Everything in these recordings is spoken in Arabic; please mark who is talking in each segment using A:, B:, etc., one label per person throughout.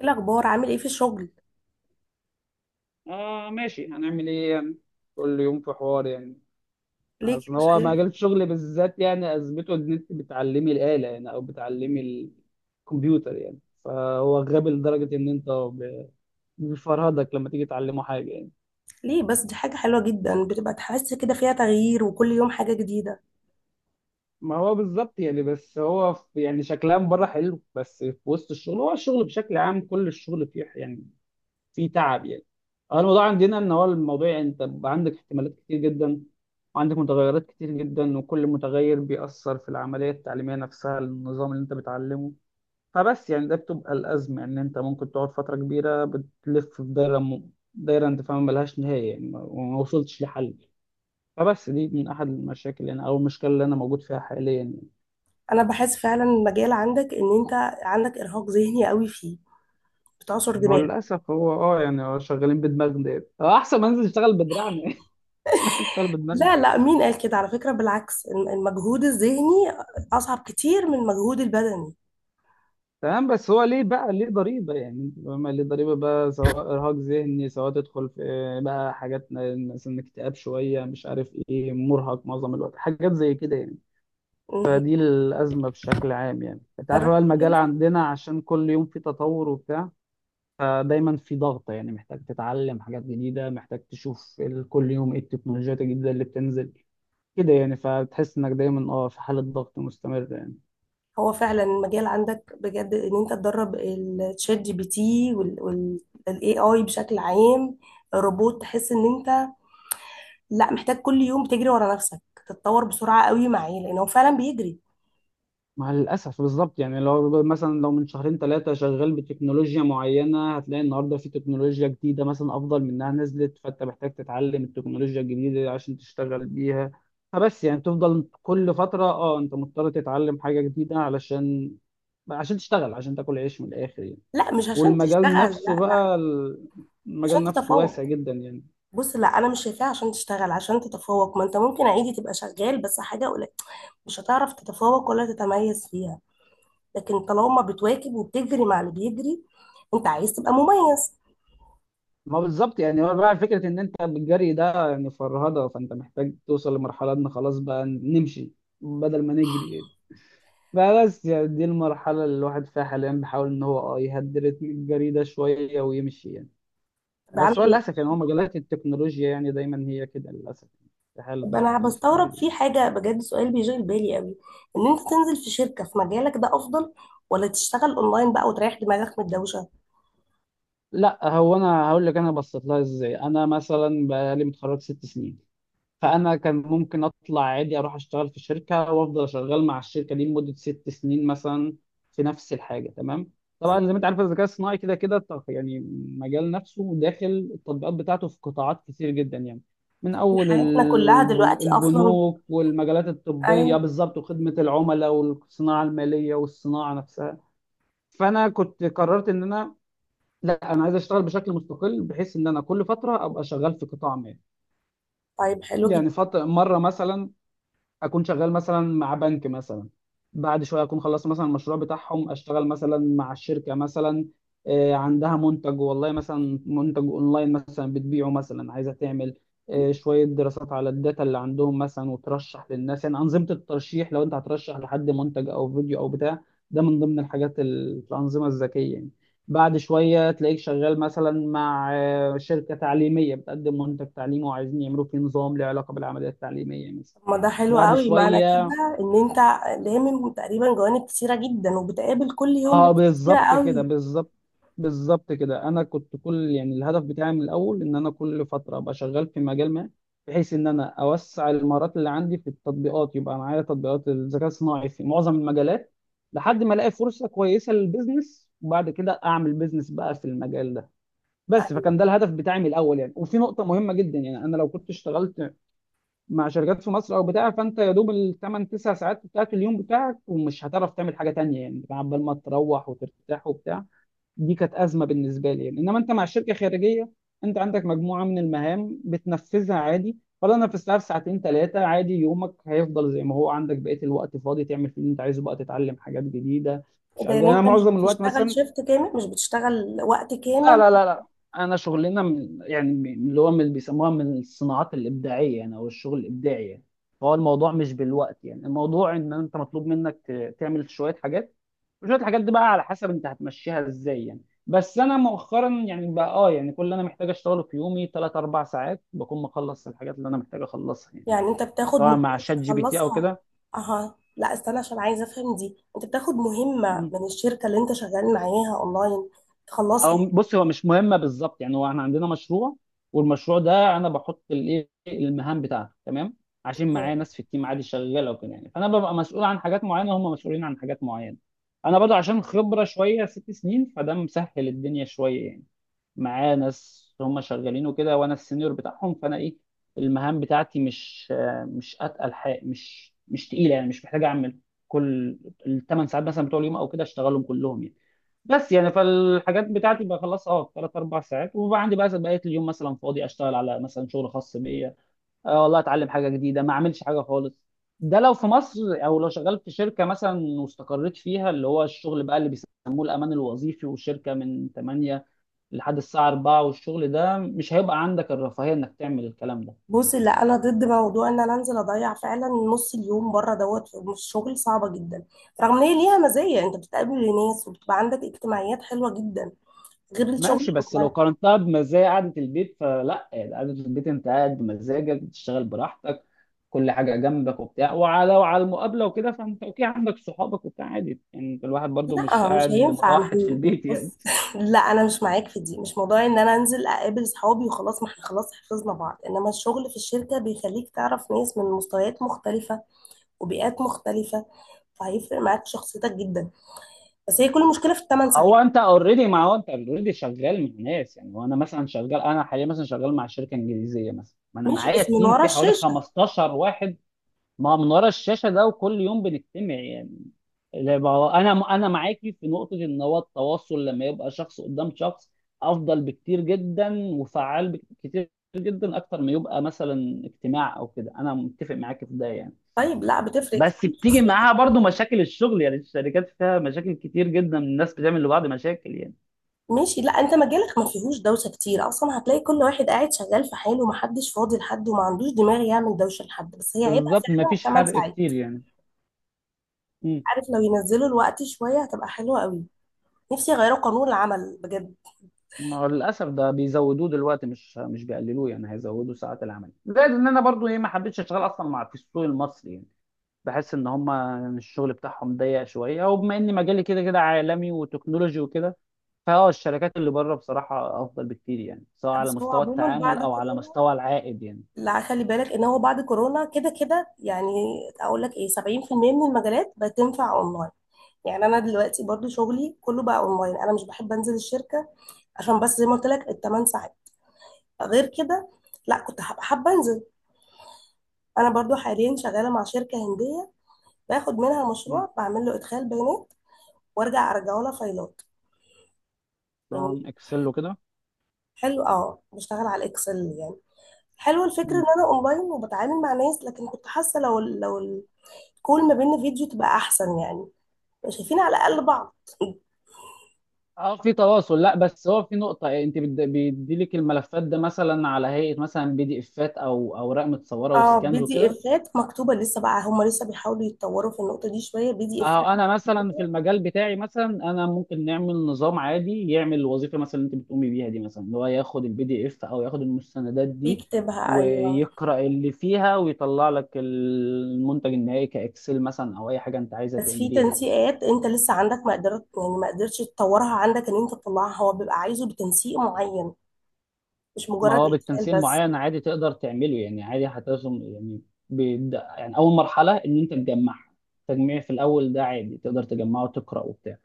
A: ايه الاخبار، عامل ايه في الشغل؟
B: آه، ماشي، هنعمل ايه يعني. كل يوم في حوار يعني.
A: ليه كده
B: اصل هو
A: شايف؟
B: مجال الشغل بالذات يعني ازمته ان انت بتعلمي الآلة يعني او بتعلمي الكمبيوتر يعني، فهو غبي لدرجة ان انت بيفرهدك لما تيجي تعلمه حاجة يعني.
A: ليه بس، دي حاجه حلوه جدا، بتبقى تحس كده فيها تغيير وكل يوم حاجه جديده.
B: ما هو بالظبط يعني، بس هو يعني شكلها من بره حلو، بس في وسط الشغل هو الشغل بشكل عام كل الشغل فيه يعني في تعب يعني. هو الموضوع عندنا ان هو الموضوع انت بيبقى عندك احتمالات كتير جدا وعندك متغيرات كتير جدا، وكل متغير بيأثر في العملية التعليمية نفسها النظام اللي انت بتعلمه. فبس يعني ده بتبقى الأزمة ان انت ممكن تقعد فترة كبيرة بتلف في دايرة دايرة انت فاهم ملهاش نهاية يعني وما وصلتش لحل. فبس دي من أحد المشاكل يعني أو المشكلة اللي أنا موجود فيها حاليا يعني.
A: انا بحس فعلا المجال عندك ان انت عندك ارهاق ذهني قوي فيه، بتعصر
B: هو
A: دماغك.
B: للأسف هو يعني هو شغالين بدماغنا يعني، هو أحسن ما أنزل أشتغل بدراعنا. أشتغل بدماغنا.
A: لا لا، مين قال كده؟ على فكره بالعكس، المجهود الذهني اصعب كتير من المجهود البدني.
B: تمام، بس هو ليه بقى، ليه ضريبة يعني انت فاهم، ليه ضريبة بقى سواء إرهاق ذهني سواء تدخل في بقى حاجات مثلا اكتئاب شوية، مش عارف ايه، مرهق معظم الوقت، حاجات زي كده يعني.
A: مهم.
B: فدي الأزمة بشكل عام يعني، انت عارف بقى
A: جربت
B: المجال
A: تنزل؟
B: عندنا عشان كل يوم في تطور وبتاع، فدايما في ضغط يعني، محتاج تتعلم حاجات جديدة، محتاج تشوف كل يوم ايه التكنولوجيات الجديدة اللي بتنزل كده يعني، فتحس انك دايما في حالة ضغط مستمرة يعني.
A: هو فعلا المجال عندك بجد ان انت تدرب الشات جي بي تي والاي اي بشكل عام، الروبوت. تحس ان انت لا، محتاج كل يوم تجري ورا نفسك، تتطور بسرعة قوي معاه لأن هو فعلا بيجري.
B: مع الأسف بالظبط يعني، لو مثلا لو من شهرين ثلاثة شغال بتكنولوجيا معينة هتلاقي النهاردة في تكنولوجيا جديدة مثلا أفضل منها نزلت، فأنت محتاج تتعلم التكنولوجيا الجديدة عشان تشتغل بيها. فبس يعني تفضل كل فترة أنت مضطر تتعلم حاجة جديدة علشان عشان تشتغل، عشان تاكل عيش من الآخر يعني.
A: لا، مش عشان
B: والمجال
A: تشتغل، لا
B: نفسه
A: لا،
B: بقى،
A: عشان
B: المجال نفسه واسع
A: تتفوق.
B: جدا يعني.
A: بص، لا أنا مش شايفاها عشان تشتغل، عشان تتفوق. ما أنت ممكن عادي تبقى شغال بس حاجة قليلة، مش هتعرف تتفوق ولا تتميز فيها، لكن طالما بتواكب وبتجري مع اللي بيجري، أنت عايز تبقى مميز.
B: ما بالظبط يعني، هو بقى فكرة إن أنت بالجري ده يعني فرهدة، فأنت محتاج توصل لمرحلة إن خلاص بقى نمشي بدل ما نجري. فبس يعني دي المرحلة اللي الواحد فيها حاليا بيحاول إن هو يهدي رتم الجري ده شوية ويمشي يعني.
A: تبقى عامل
B: بس هو
A: إيه؟
B: للأسف يعني هو مجالات التكنولوجيا يعني دايما هي كده للأسف في حالة
A: طب
B: ضغط
A: أنا بستغرب
B: مستمر.
A: في حاجة بجد، سؤال بيشغل بالي قوي، إن أنت تنزل في شركة في مجالك ده أفضل، ولا تشتغل أونلاين بقى وتريح دماغك من الدوشة؟
B: لا، هو أنا هقول لك، أنا بصيت لها إزاي. أنا مثلا بقالي متخرج ست سنين، فانا كان ممكن اطلع عادي اروح اشتغل في شركه وافضل شغال مع الشركه دي لمده 6 سنين مثلا في نفس الحاجه. تمام، طبعا زي ما انت عارف الذكاء الصناعي كده كده يعني مجال نفسه داخل التطبيقات بتاعته في قطاعات كتير جدا يعني، من اول
A: حياتنا كلها دلوقتي اصلا.
B: البنوك والمجالات
A: اي.
B: الطبيه بالظبط وخدمه العملاء والصناعه الماليه والصناعه نفسها. فانا كنت قررت ان انا، لا انا عايز اشتغل بشكل مستقل بحيث ان انا كل فتره ابقى شغال في قطاع ما
A: طيب، حلو
B: يعني.
A: جدا.
B: فتره مره مثلا اكون شغال مثلا مع بنك مثلا، بعد شويه اكون خلصت مثلا المشروع بتاعهم اشتغل مثلا مع الشركه مثلا عندها منتج والله مثلا منتج اونلاين مثلا بتبيعه مثلا، عايزه تعمل شويه دراسات على الداتا اللي عندهم مثلا، وترشح للناس يعني انظمه الترشيح، لو انت هترشح لحد منتج او فيديو او بتاع، ده من ضمن الحاجات الانظمه الذكيه يعني. بعد شويه تلاقيك شغال مثلا مع شركه تعليميه بتقدم منتج تعليمي وعايزين يعملوا فيه نظام له علاقه بالعمليه التعليميه مثلا.
A: طب ما ده حلو
B: بعد
A: قوي، معنى
B: شويه،
A: كده ان انت لامم تقريبا جوانب كتيره جدا، وبتقابل كل
B: ما
A: يوم ناس
B: هو
A: كتيره
B: بالظبط كده،
A: قوي.
B: بالظبط بالظبط كده. انا كنت كل يعني الهدف بتاعي من الاول ان انا كل فتره ابقى شغال في مجال ما، بحيث ان انا اوسع المهارات اللي عندي في التطبيقات، يبقى معايا تطبيقات الذكاء الصناعي في معظم المجالات لحد ما الاقي فرصه كويسه للبيزنس، وبعد كده اعمل بيزنس بقى في المجال ده. بس فكان
A: ايوه.
B: ده الهدف بتاعي من الاول يعني. وفي نقطه مهمه جدا يعني، انا لو كنت اشتغلت مع شركات في مصر او بتاع، فانت يا دوب الثمان تسع ساعات بتاعت اليوم بتاعك، ومش هتعرف تعمل حاجه تانية يعني عبال ما تروح وترتاح وبتاع. دي كانت ازمه بالنسبه لي يعني. انما انت مع الشركه خارجيه، انت عندك مجموعه من المهام بتنفذها عادي، ولا انا في الساعه ساعتين ثلاثه عادي، يومك هيفضل زي ما هو عندك بقيه الوقت فاضي تعمل فيه اللي انت عايزه بقى، تتعلم حاجات جديده، مش
A: ده
B: عارف
A: يعني
B: يعني. انا
A: انت مش
B: معظم الوقت
A: بتشتغل
B: مثلا،
A: شيفت كامل، مش بتشتغل وقت
B: لا
A: كامل؟
B: لا لا لا، انا شغلنا من يعني اللي هو من بيسموها من الصناعات الابداعيه يعني او الشغل الابداعي يعني، فهو الموضوع مش بالوقت يعني. الموضوع ان انت مطلوب منك تعمل شويه حاجات، وشويه الحاجات دي بقى على حسب انت هتمشيها ازاي يعني. بس انا مؤخرا يعني بقى يعني كل اللي انا محتاج اشتغله في يومي 3 4 ساعات بكون مخلص الحاجات اللي انا محتاج اخلصها يعني،
A: يعني انت بتاخد
B: طبعا
A: مهمه
B: مع شات جي بي تي او
A: تخلصها؟
B: كده.
A: اها، لا استنى، عشان عايزه افهم دي. انت بتاخد مهمه من الشركه اللي انت شغال معاها اونلاين
B: او
A: تخلصها؟
B: بص هو مش مهمه بالظبط يعني، هو احنا عندنا مشروع، والمشروع ده انا بحط الايه المهام بتاعته. تمام، عشان معايا ناس في التيم عادي شغاله وكده يعني، فانا ببقى مسؤول عن حاجات معينه، هم مسؤولين عن حاجات معينه. انا برضه عشان خبره شويه 6 سنين فده مسهل الدنيا شويه يعني، معايا ناس هم شغالين وكده وانا السينيور بتاعهم، فانا ايه المهام بتاعتي مش اتقل حاجه، مش تقيله يعني، مش محتاج اعمل كل الثمان ساعات مثلا بتوع اليوم او كده اشتغلهم كلهم يعني. بس يعني فالحاجات بتاعتي بخلصها في ثلاث اربع ساعات، وبقى عندي بقى بقيه اليوم مثلا فاضي اشتغل على مثلا شغل خاص بيا، والله اتعلم حاجه جديده، ما اعملش حاجه خالص. ده لو في مصر او لو شغال في شركه مثلا واستقريت فيها، اللي هو الشغل بقى اللي بيسموه الامان الوظيفي، والشركه من 8 لحد الساعه 4، والشغل ده مش هيبقى عندك الرفاهيه انك تعمل الكلام ده.
A: بصي، لا انا ضد موضوع ان انا انزل اضيع فعلا نص اليوم بره دوت في الشغل، صعبه جدا. رغم ان هي ليها مزايا، انت بتقابل ناس وبتبقى عندك اجتماعيات حلوه جدا، غير الشغل
B: ماشي، بس لو
A: الاونلاين.
B: قارنتها بمزايا قعدة البيت فلا يعني، قعدة البيت انت قاعد بمزاجك، بتشتغل براحتك، كل حاجة جنبك وبتاع، وعلى وعلى المقابلة وكده، فانت اوكي عندك صحابك وبتاع عادي يعني، الواحد برضو مش
A: لا، مش
B: قاعد
A: هينفع. ما
B: متوحد في
A: هي-
B: البيت يعني.
A: بص لا، انا مش معاك في دي. مش موضوع ان انا انزل اقابل صحابي وخلاص، ما احنا خلاص حفظنا بعض، انما الشغل في الشركه بيخليك تعرف ناس من مستويات مختلفه وبيئات مختلفه، فهيفرق معاك شخصيتك جدا. بس هي كل المشكله في الثمان
B: هو
A: ساعات.
B: انت اوريدي، ما هو انت اوريدي شغال مع ناس يعني، وانا مثلا شغال، انا حاليا مثلا شغال مع شركة انجليزية مثلا، ما انا
A: ماشي،
B: معايا
A: بس من
B: تيم
A: ورا
B: فيه حوالي
A: الشاشه.
B: 15 واحد. ما من ورا الشاشه ده وكل يوم بنجتمع يعني. انا معاكي في نقطه ان هو التواصل لما يبقى شخص قدام شخص افضل بكتير جدا وفعال بكتير جدا اكتر ما يبقى مثلا اجتماع او كده، انا متفق معاكي في ده يعني.
A: طيب، لا بتفرق
B: بس
A: كتير.
B: بتيجي معاها برضو مشاكل الشغل يعني، الشركات فيها مشاكل كتير جدا، الناس بتعمل لبعض مشاكل يعني.
A: ماشي، لا، انت مجالك ما فيهوش دوشه كتير اصلا، هتلاقي كل واحد قاعد شغال في حاله، ومحدش فاضي لحد، وما عندوش دماغ يعمل دوشه لحد. بس هي عيبها
B: بالظبط
A: فعلا
B: مفيش
A: 8
B: حرق
A: ساعات.
B: كتير يعني.
A: عارف، لو ينزلوا الوقت شويه هتبقى حلوه قوي. نفسي يغيروا قانون العمل بجد.
B: ما هو للاسف ده بيزودوه دلوقتي مش بيقللوه يعني، هيزودوا ساعات العمل. زائد ان انا برضو ايه ما حبيتش اشتغل اصلا مع في السوق المصري يعني، بحس ان هم الشغل بتاعهم ضيق شويه، وبما ان مجالي كده كده عالمي وتكنولوجي وكده، فهو الشركات اللي بره بصراحه افضل بكتير يعني، سواء
A: لا،
B: على
A: بس هو
B: مستوى
A: عموما
B: التعامل
A: بعد
B: او على
A: كورونا،
B: مستوى العائد يعني.
A: لا خلي بالك ان هو بعد كورونا كده كده يعني. اقول لك ايه؟ 70% من المجالات بتنفع اونلاين. يعني انا دلوقتي برضو شغلي كله بقى اونلاين، انا مش بحب انزل الشركه عشان بس زي ما قلت لك الثمان ساعات، غير كده لا كنت هبقى حابه انزل. انا برضو حاليا شغاله مع شركه هنديه، باخد منها
B: مم.
A: مشروع، بعمل له ادخال بيانات وارجع ارجعه لها فايلات، يعني.
B: نظام اكسل وكده.
A: حلو، بشتغل على الاكسل يعني. حلو الفكره
B: مم.
A: ان انا اونلاين وبتعامل مع ناس، لكن كنت حاسه لو الكول ما بيننا فيديو تبقى احسن يعني، يبقى شايفين على الاقل بعض.
B: اه في تواصل. لا بس هو في نقطة انت بيديلك الملفات ده مثلا على هيئة مثلا بي دي افات او اوراق متصورة
A: اه بي
B: وسكانز
A: دي
B: وكده.
A: افات مكتوبه لسه، بقى هم لسه بيحاولوا يتطوروا في النقطه دي شويه بي دي افات
B: اه انا مثلا في المجال بتاعي مثلا انا ممكن نعمل نظام عادي يعمل الوظيفه مثلا اللي انت بتقومي بيها دي مثلا، اللي هو ياخد البي دي اف او ياخد المستندات دي
A: بيكتبها، ايوه.
B: ويقرا اللي فيها ويطلع لك المنتج النهائي كاكسل مثلا او اي حاجه انت عايزه
A: بس في
B: تعمليها يعني.
A: تنسيقات انت لسه عندك ما قدرت يعني ما قدرتش تطورها عندك، ان انت تطلعها هو بيبقى عايزه بتنسيق معين، مش
B: ما
A: مجرد
B: هو
A: اتقال
B: بالتنسيق
A: بس.
B: معين عادي تقدر تعمله يعني، عادي هترسم يعني. بيبدا يعني اول مرحله ان انت تجمعها، تجميع في الاول ده عادي تقدر تجمعه وتقرا وبتاع.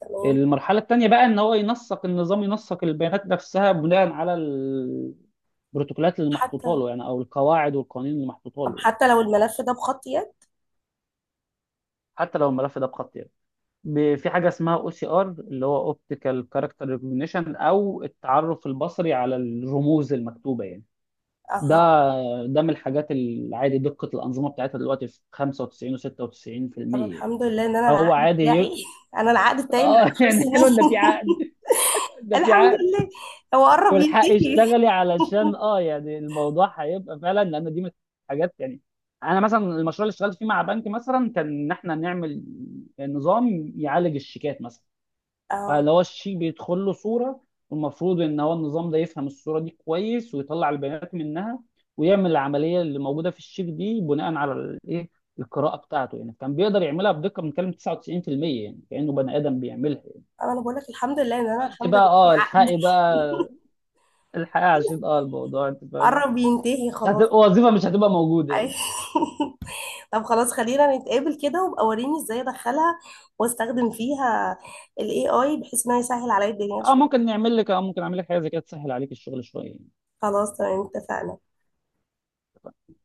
A: تمام.
B: المرحلة التانية بقى ان هو ينسق النظام، ينسق البيانات نفسها بناء على البروتوكولات اللي
A: حتى،
B: محطوطة له يعني، او القواعد والقوانين اللي محطوطة
A: طب
B: له يعني،
A: حتى لو الملف ده بخط يد.
B: حتى لو الملف ده بخط يعني، في حاجة اسمها او سي ار، اللي هو اوبتيكال كاركتر ريكوجنيشن، او التعرف البصري على الرموز المكتوبة يعني. ده
A: اها.
B: من الحاجات العادي، دقة الأنظمة بتاعتها دلوقتي في 95 و96%
A: طب
B: يعني.
A: الحمد لله ان انا
B: هو
A: العقد
B: عادي
A: بتاعي انا العقد بتاعي من
B: اه.
A: 10
B: يعني حلو ان
A: سنين.
B: في عقد، ده في
A: الحمد
B: عقد،
A: لله. هو قرب
B: والحقي
A: ينتهي.
B: اشتغلي علشان يعني الموضوع هيبقى فعلا، لان دي من الحاجات يعني. انا مثلا المشروع اللي اشتغلت فيه مع بنك مثلا كان ان احنا نعمل نظام يعالج الشيكات مثلا،
A: اه
B: فاللي هو الشيك بيدخل له صوره، والمفروض ان هو النظام ده يفهم الصوره دي كويس ويطلع البيانات منها ويعمل العمليه اللي موجوده في الشيك دي بناء على الايه القراءه بتاعته يعني، كان بيقدر يعملها بدقه بنتكلم 99% يعني، كانه بني ادم بيعملها.
A: انا بقول لك الحمد لله ان انا
B: فانت
A: الحمد
B: بقى
A: لله في عقد.
B: الحقي بقى الحقيقة عشان الموضوع انت فاهم،
A: قرب ينتهي خلاص.
B: هتبقى وظيفه مش هتبقى موجوده يعني.
A: أي. طب خلاص، خلينا نتقابل كده، وابقى وريني ازاي ادخلها واستخدم فيها ال AI، بحيث انها يسهل عليا الدنيا
B: اه
A: شوية.
B: ممكن نعمل لك، ممكن اعمل لك حاجه زي كده تسهل عليك الشغل شويه يعني.
A: خلاص، تمام، اتفقنا.